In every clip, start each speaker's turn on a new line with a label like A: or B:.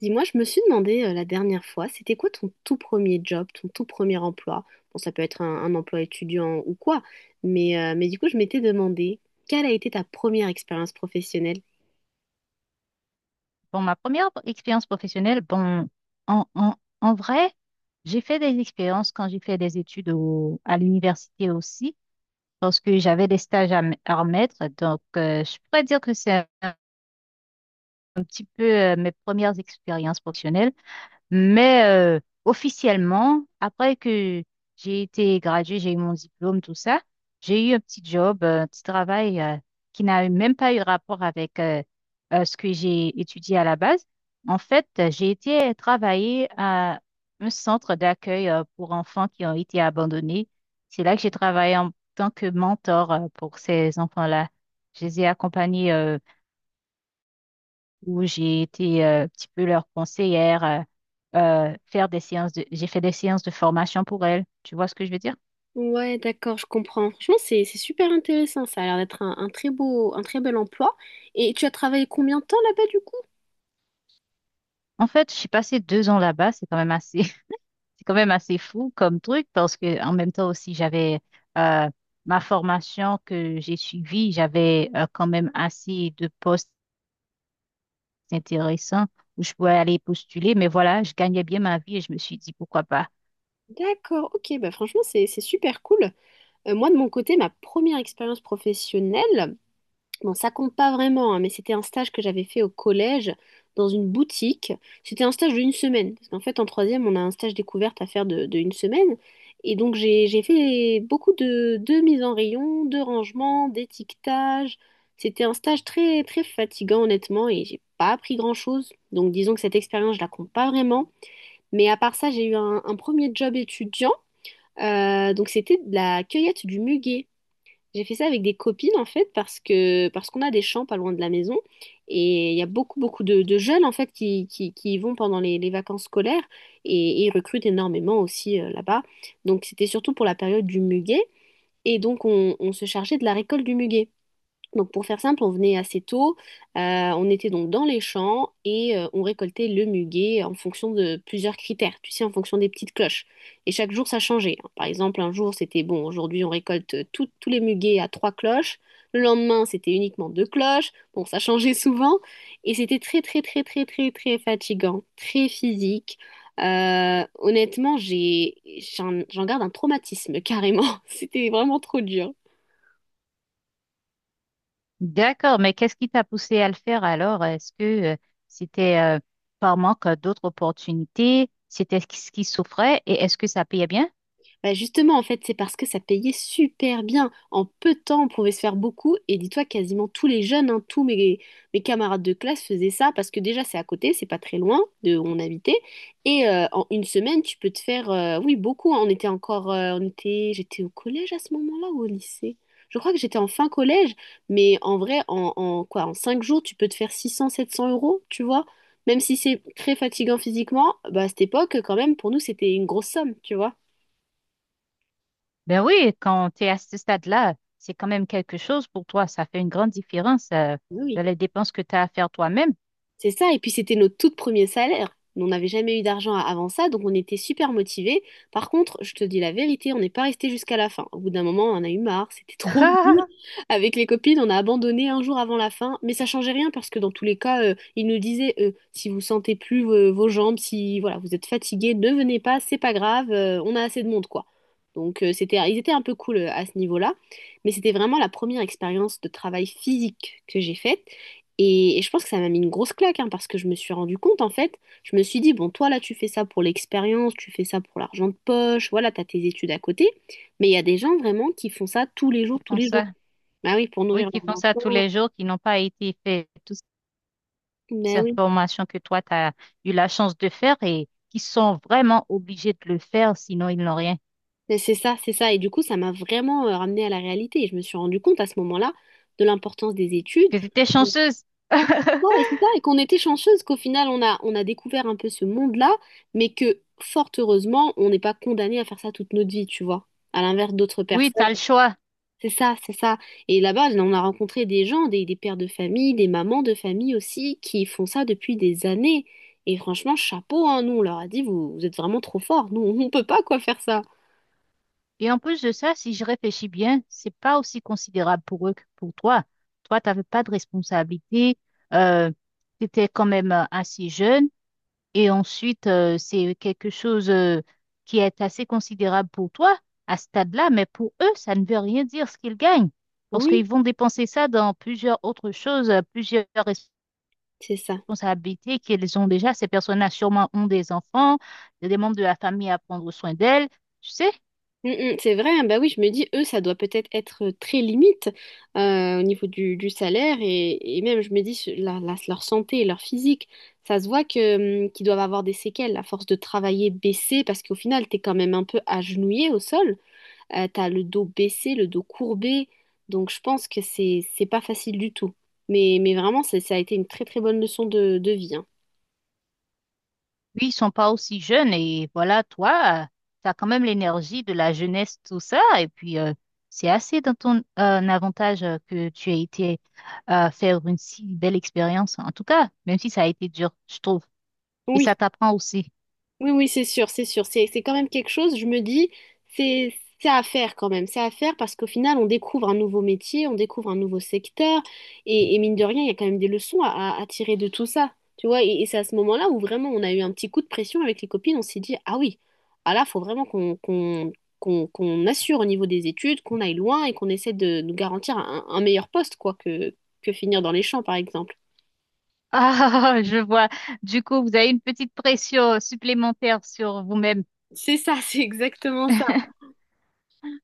A: Dis-moi, je me suis demandé la dernière fois, c'était quoi ton tout premier job, ton tout premier emploi? Bon, ça peut être un emploi étudiant ou quoi, mais du coup, je m'étais demandé, quelle a été ta première expérience professionnelle?
B: Bon, ma première expérience professionnelle, bon, en, en, en vrai, j'ai fait des expériences quand j'ai fait des études à l'université aussi, parce que j'avais des stages à, à remettre. Donc, je pourrais dire que c'est un, un petit peu mes premières expériences professionnelles. Mais euh, officiellement, après que j'ai été graduée, j'ai eu mon diplôme, tout ça, j'ai eu un petit job, un petit travail qui n'a même pas eu rapport avec ce que j'ai étudié à la base. En fait, j'ai été travailler à un centre d'accueil pour enfants qui ont été abandonnés. C'est là que j'ai travaillé en tant que mentor pour ces enfants-là. Je les ai accompagnés où j'ai été un petit peu leur conseillère, faire des séances j'ai fait des séances de formation pour elles. Tu vois ce que je veux dire?
A: Ouais, d'accord, je comprends. Franchement, c'est super intéressant. Ça a l'air d'être un très bel emploi. Et tu as travaillé combien de temps là-bas du coup?
B: En fait, j'ai passé deux ans là-bas, c'est quand même assez, c'est quand même assez fou comme truc parce que en même temps aussi j'avais euh, ma formation que j'ai suivie, j'avais quand même assez de postes intéressants où je pouvais aller postuler, mais voilà, je gagnais bien ma vie et je me suis dit pourquoi pas.
A: D'accord, ok, bah franchement, c'est super cool. Moi, de mon côté, ma première expérience professionnelle, bon, ça compte pas vraiment, hein, mais c'était un stage que j'avais fait au collège dans une boutique. C'était un stage d'une semaine, parce qu'en fait, en troisième, on a un stage découverte à faire de une semaine. Et donc, j'ai fait beaucoup de mises en rayon, de rangement, d'étiquetage. C'était un stage très, très fatigant, honnêtement, et j'ai pas appris grand-chose. Donc, disons que cette expérience, je la compte pas vraiment. Mais à part ça, j'ai eu un premier job étudiant. Donc, c'était de la cueillette du muguet. J'ai fait ça avec des copines en fait parce qu'on a des champs pas loin de la maison et il y a beaucoup de jeunes en fait qui y vont pendant les vacances scolaires et ils recrutent énormément aussi là-bas. Donc c'était surtout pour la période du muguet et donc on se chargeait de la récolte du muguet. Donc pour faire simple, on venait assez tôt, euh, on était donc dans les champs et on récoltait le muguet en fonction de plusieurs critères, tu sais, en fonction des petites cloches. Et chaque jour, ça changeait, hein. Par exemple, un jour, c'était bon, aujourd'hui, on récolte tous les muguets à trois cloches. Le lendemain, c'était uniquement deux cloches. Bon, ça changeait souvent et c'était très, très, très, très, très, très fatigant, très physique. Honnêtement, j'en garde un traumatisme carrément. C'était vraiment trop dur.
B: D'accord, mais qu'est-ce qui t'a poussé à le faire alors? Est-ce que euh, c'était par manque d'autres opportunités? C'était ce qui souffrait et est-ce que ça payait bien?
A: Bah justement, en fait, c'est parce que ça payait super bien. En peu de temps, on pouvait se faire beaucoup. Et dis-toi, quasiment tous les jeunes, hein, tous mes camarades de classe faisaient ça parce que déjà, c'est à côté, c'est pas très loin de où on habitait. Et en une semaine, tu peux te faire, oui, beaucoup, hein. On était encore, on était, j'étais au collège à ce moment-là ou au lycée? Je crois que j'étais en fin collège, mais en vrai, en 5 jours, tu peux te faire 600 700 euros, tu vois? Même si c'est très fatigant physiquement, bah, à cette époque, quand même, pour nous, c'était une grosse somme, tu vois?
B: Ben oui, quand tu es à ce stade-là, c'est quand même quelque chose pour toi. Ça fait une grande différence
A: Oui.
B: dans les dépenses que tu as à faire toi-même.
A: C'est ça, et puis c'était notre tout premier salaire. On n'avait jamais eu d'argent avant ça, donc on était super motivés. Par contre, je te dis la vérité, on n'est pas resté jusqu'à la fin. Au bout d'un moment, on en a eu marre, c'était trop dur. Avec les copines, on a abandonné un jour avant la fin, mais ça changeait rien parce que dans tous les cas, ils nous disaient si vous sentez plus vos jambes, si voilà, vous êtes fatigué, ne venez pas, c'est pas grave, on a assez de monde quoi. Donc c'était, ils étaient un peu cool à ce niveau-là, mais c'était vraiment la première expérience de travail physique que j'ai faite. Et je pense que ça m'a mis une grosse claque, hein, parce que je me suis rendu compte, en fait, je me suis dit, bon, toi, là, tu fais ça pour l'expérience, tu fais ça pour l'argent de poche, voilà, t'as tes études à côté, mais il y a des gens vraiment qui font ça tous les jours,
B: Qui
A: tous
B: font
A: les jours.
B: ça?
A: Bah oui, pour
B: Oui,
A: nourrir
B: qui
A: leurs
B: font ça tous
A: enfants.
B: les jours, qui n'ont pas été fait toutes
A: Bah
B: ces
A: oui,
B: formations que toi, tu as eu la chance de faire et qui sont vraiment obligés de le faire, sinon ils n'ont rien.
A: mais c'est ça, c'est ça. Et du coup, ça m'a vraiment ramenée à la réalité. Et je me suis rendu compte à ce moment-là de l'importance des études.
B: Que tu étais
A: De
B: chanceuse.
A: ça, et c'est ça, et qu'on était chanceuse qu'au final, on a découvert un peu ce monde-là, mais que fort heureusement, on n'est pas condamné à faire ça toute notre vie, tu vois. À l'inverse d'autres
B: Oui, tu as le
A: personnes.
B: choix.
A: C'est ça, c'est ça. Et là-bas, on a rencontré des gens, des pères de famille, des mamans de famille aussi, qui font ça depuis des années. Et franchement, chapeau, hein, nous, on leur a dit, vous, vous êtes vraiment trop forts. Nous, on peut pas quoi faire ça.
B: Et en plus de ça, si je réfléchis bien, c'est pas aussi considérable pour eux que pour toi. Toi, tu n'avais pas de responsabilité, euh, tu étais quand même assez jeune. Et ensuite, c'est quelque chose qui est assez considérable pour toi à ce stade-là, mais pour eux, ça ne veut rien dire ce qu'ils gagnent. Parce
A: Oui,
B: qu'ils vont dépenser ça dans plusieurs autres choses, plusieurs
A: c'est ça.
B: responsabilités qu'ils ont déjà. Ces personnes-là sûrement ont des enfants, des membres de la famille à prendre soin d'elles. Tu sais?
A: Mm, mm, c'est vrai, hein. Bah oui, je me dis, eux, ça doit peut-être être très limite au niveau du salaire et même, je me dis, leur santé et leur physique, ça se voit que, qu'ils doivent avoir des séquelles à force de travailler baissé parce qu'au final, t'es quand même un peu agenouillé au sol. T'as le dos baissé, le dos courbé. Donc je pense que c'est pas facile du tout. Mais vraiment, ça a été une très très bonne leçon de vie, hein.
B: Oui, ils sont pas aussi jeunes et voilà, toi, tu as quand même l'énergie de la jeunesse, tout ça. Et puis, c'est assez dans ton avantage que tu aies été faire une si belle expérience. En tout cas, même si ça a été dur, je trouve. Et
A: Oui.
B: ça t'apprend aussi.
A: Oui, oui, c'est sûr, c'est sûr. C'est quand même quelque chose, je me dis, c'est, c'est à faire quand même. C'est à faire parce qu'au final, on découvre un nouveau métier, on découvre un nouveau secteur. Et mine de rien, il y a quand même des leçons à tirer de tout ça. Tu vois, et c'est à ce moment-là où vraiment on a eu un petit coup de pression avec les copines. On s'est dit, ah oui, ah là, faut vraiment qu'on assure au niveau des études, qu'on aille loin et qu'on essaie de nous garantir un meilleur poste, quoi, que finir dans les champs, par exemple.
B: Ah, je vois. Du coup, vous avez une petite pression supplémentaire sur vous-même.
A: C'est ça, c'est exactement ça.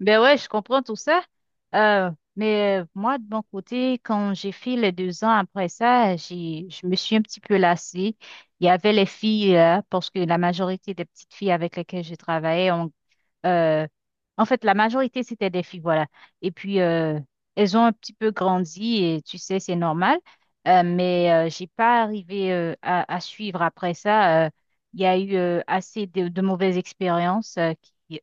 B: Ben ouais, je comprends tout ça. Euh, mais moi, de mon côté, quand j'ai fait les deux ans après ça, je me suis un petit peu lassée. Il y avait les filles, parce que la majorité des petites filles avec lesquelles je travaillais, euh, en fait, la majorité, c'était des filles, voilà. Et puis, elles ont un petit peu grandi et tu sais, c'est normal. Mais j'ai pas arrivé à suivre après ça. Il y a eu assez de mauvaises expériences qui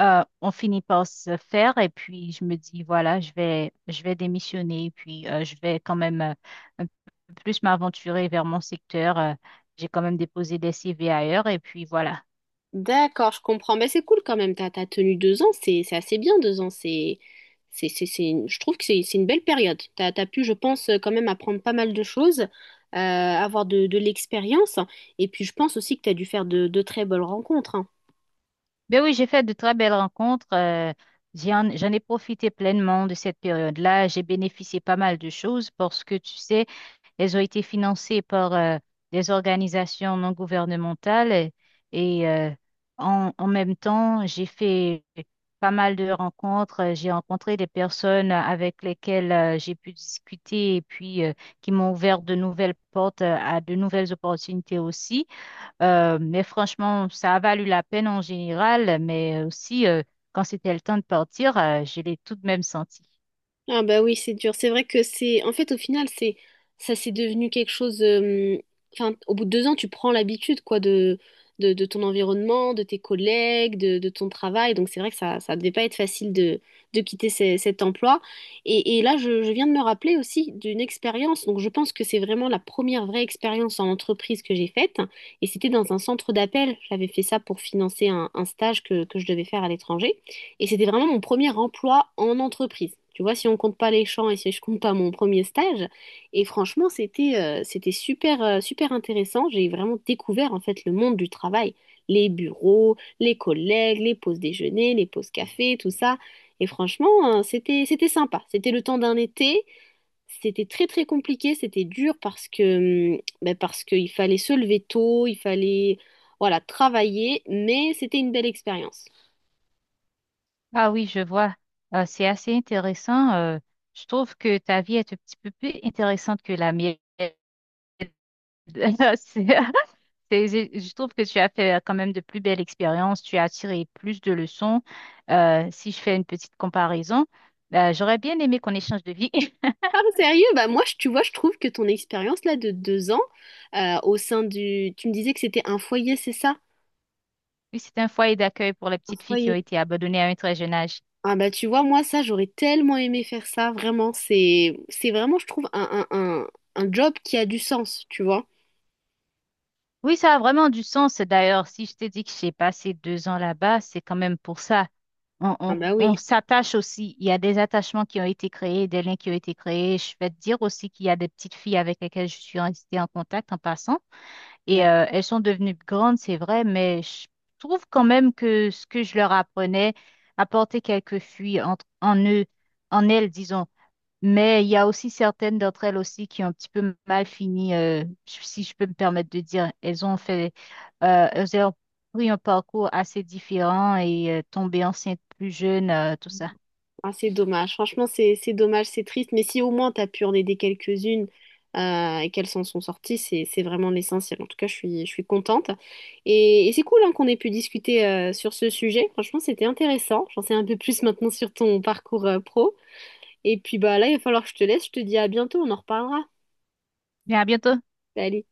B: on finit par se faire et puis je me dis, voilà, je vais démissionner et puis je vais quand même un peu plus m'aventurer vers mon secteur. J'ai quand même déposé des CV ailleurs et puis voilà.
A: D'accord, je comprends. Mais c'est cool quand même. T'as tenu 2 ans, c'est assez bien 2 ans. Je trouve que c'est une belle période. T'as pu, je pense, quand même apprendre pas mal de choses, avoir de l'expérience. Et puis, je pense aussi que t'as dû faire de très belles rencontres, hein.
B: Ben oui, j'ai fait de très belles rencontres. J'en ai profité pleinement de cette période-là. J'ai bénéficié pas mal de choses parce que tu sais, elles ont été financées par des organisations non gouvernementales et, en même temps, j'ai fait pas mal de rencontres. J'ai rencontré des personnes avec lesquelles j'ai pu discuter et puis qui m'ont ouvert de nouvelles portes à de nouvelles opportunités aussi. Mais franchement, ça a valu la peine en général, mais aussi quand c'était le temps de partir, je l'ai tout de même senti.
A: Ah bah oui, c'est dur. C'est vrai que c'est en fait, au final, c'est ça, c'est devenu quelque chose. Enfin, au bout de 2 ans, tu prends l'habitude, quoi, de de ton environnement, de tes collègues, de ton travail. Donc c'est vrai que ça devait pas être facile de quitter cet emploi. Et là, je viens de me rappeler aussi d'une expérience. Donc je pense que c'est vraiment la première vraie expérience en entreprise que j'ai faite. Et c'était dans un centre d'appel. J'avais fait ça pour financer un stage que je devais faire à l'étranger. Et c'était vraiment mon premier emploi en entreprise. Tu vois, si on compte pas les champs et si je compte pas mon premier stage. Et franchement, c'était super, super intéressant. J'ai vraiment découvert en fait le monde du travail, les bureaux, les collègues, les pauses déjeuner, les pauses café, tout ça. Et franchement, c'était sympa. C'était le temps d'un été. C'était très très compliqué, c'était dur parce que, ben, parce qu'il fallait se lever tôt, il fallait voilà, travailler, mais c'était une belle expérience.
B: Ah oui, je vois. C'est assez intéressant. Je trouve que ta vie est un petit peu plus intéressante que la mienne. Je je trouve que tu as fait quand même de plus belles expériences. Tu as tiré plus de leçons. Si je fais une petite comparaison, j'aurais bien aimé qu'on échange de vie.
A: Ah, sérieux? Bah moi, tu vois, je trouve que ton expérience là de 2 ans au sein du. Tu me disais que c'était un foyer, c'est ça?
B: Oui, c'est un foyer d'accueil pour les
A: Un
B: petites filles qui ont
A: foyer.
B: été abandonnées à un très jeune âge.
A: Ah bah tu vois, moi, ça, j'aurais tellement aimé faire ça, vraiment. C'est vraiment, je trouve, un, un job qui a du sens, tu vois?
B: Oui, ça a vraiment du sens. D'ailleurs, si je t'ai dit que j'ai passé deux ans là-bas, c'est quand même pour ça.
A: Ah bah
B: On
A: oui.
B: s'attache aussi. Il y a des attachements qui ont été créés, des liens qui ont été créés. Je vais te dire aussi qu'il y a des petites filles avec lesquelles je suis restée en contact en passant. Et elles sont devenues grandes, c'est vrai, mais je trouve quand même que ce que je leur apprenais, apporter quelques fuites entre, en eux, en elles, disons. Mais il y a aussi certaines d'entre elles aussi qui ont un petit peu mal fini, si je peux me permettre de dire. Elles ont pris un parcours assez différent et tombé enceinte plus jeune, tout ça.
A: Ah, c'est dommage. Franchement, c'est dommage, c'est triste. Mais si au moins tu as pu en aider quelques-unes et qu'elles s'en sont sorties, c'est vraiment l'essentiel. En tout cas, je suis contente. Et c'est cool hein, qu'on ait pu discuter sur ce sujet. Franchement, c'était intéressant. J'en sais un peu plus maintenant sur ton parcours pro. Et puis bah là, il va falloir que je te laisse. Je te dis à bientôt. On en reparlera.
B: Bien, à bientôt.
A: Allez.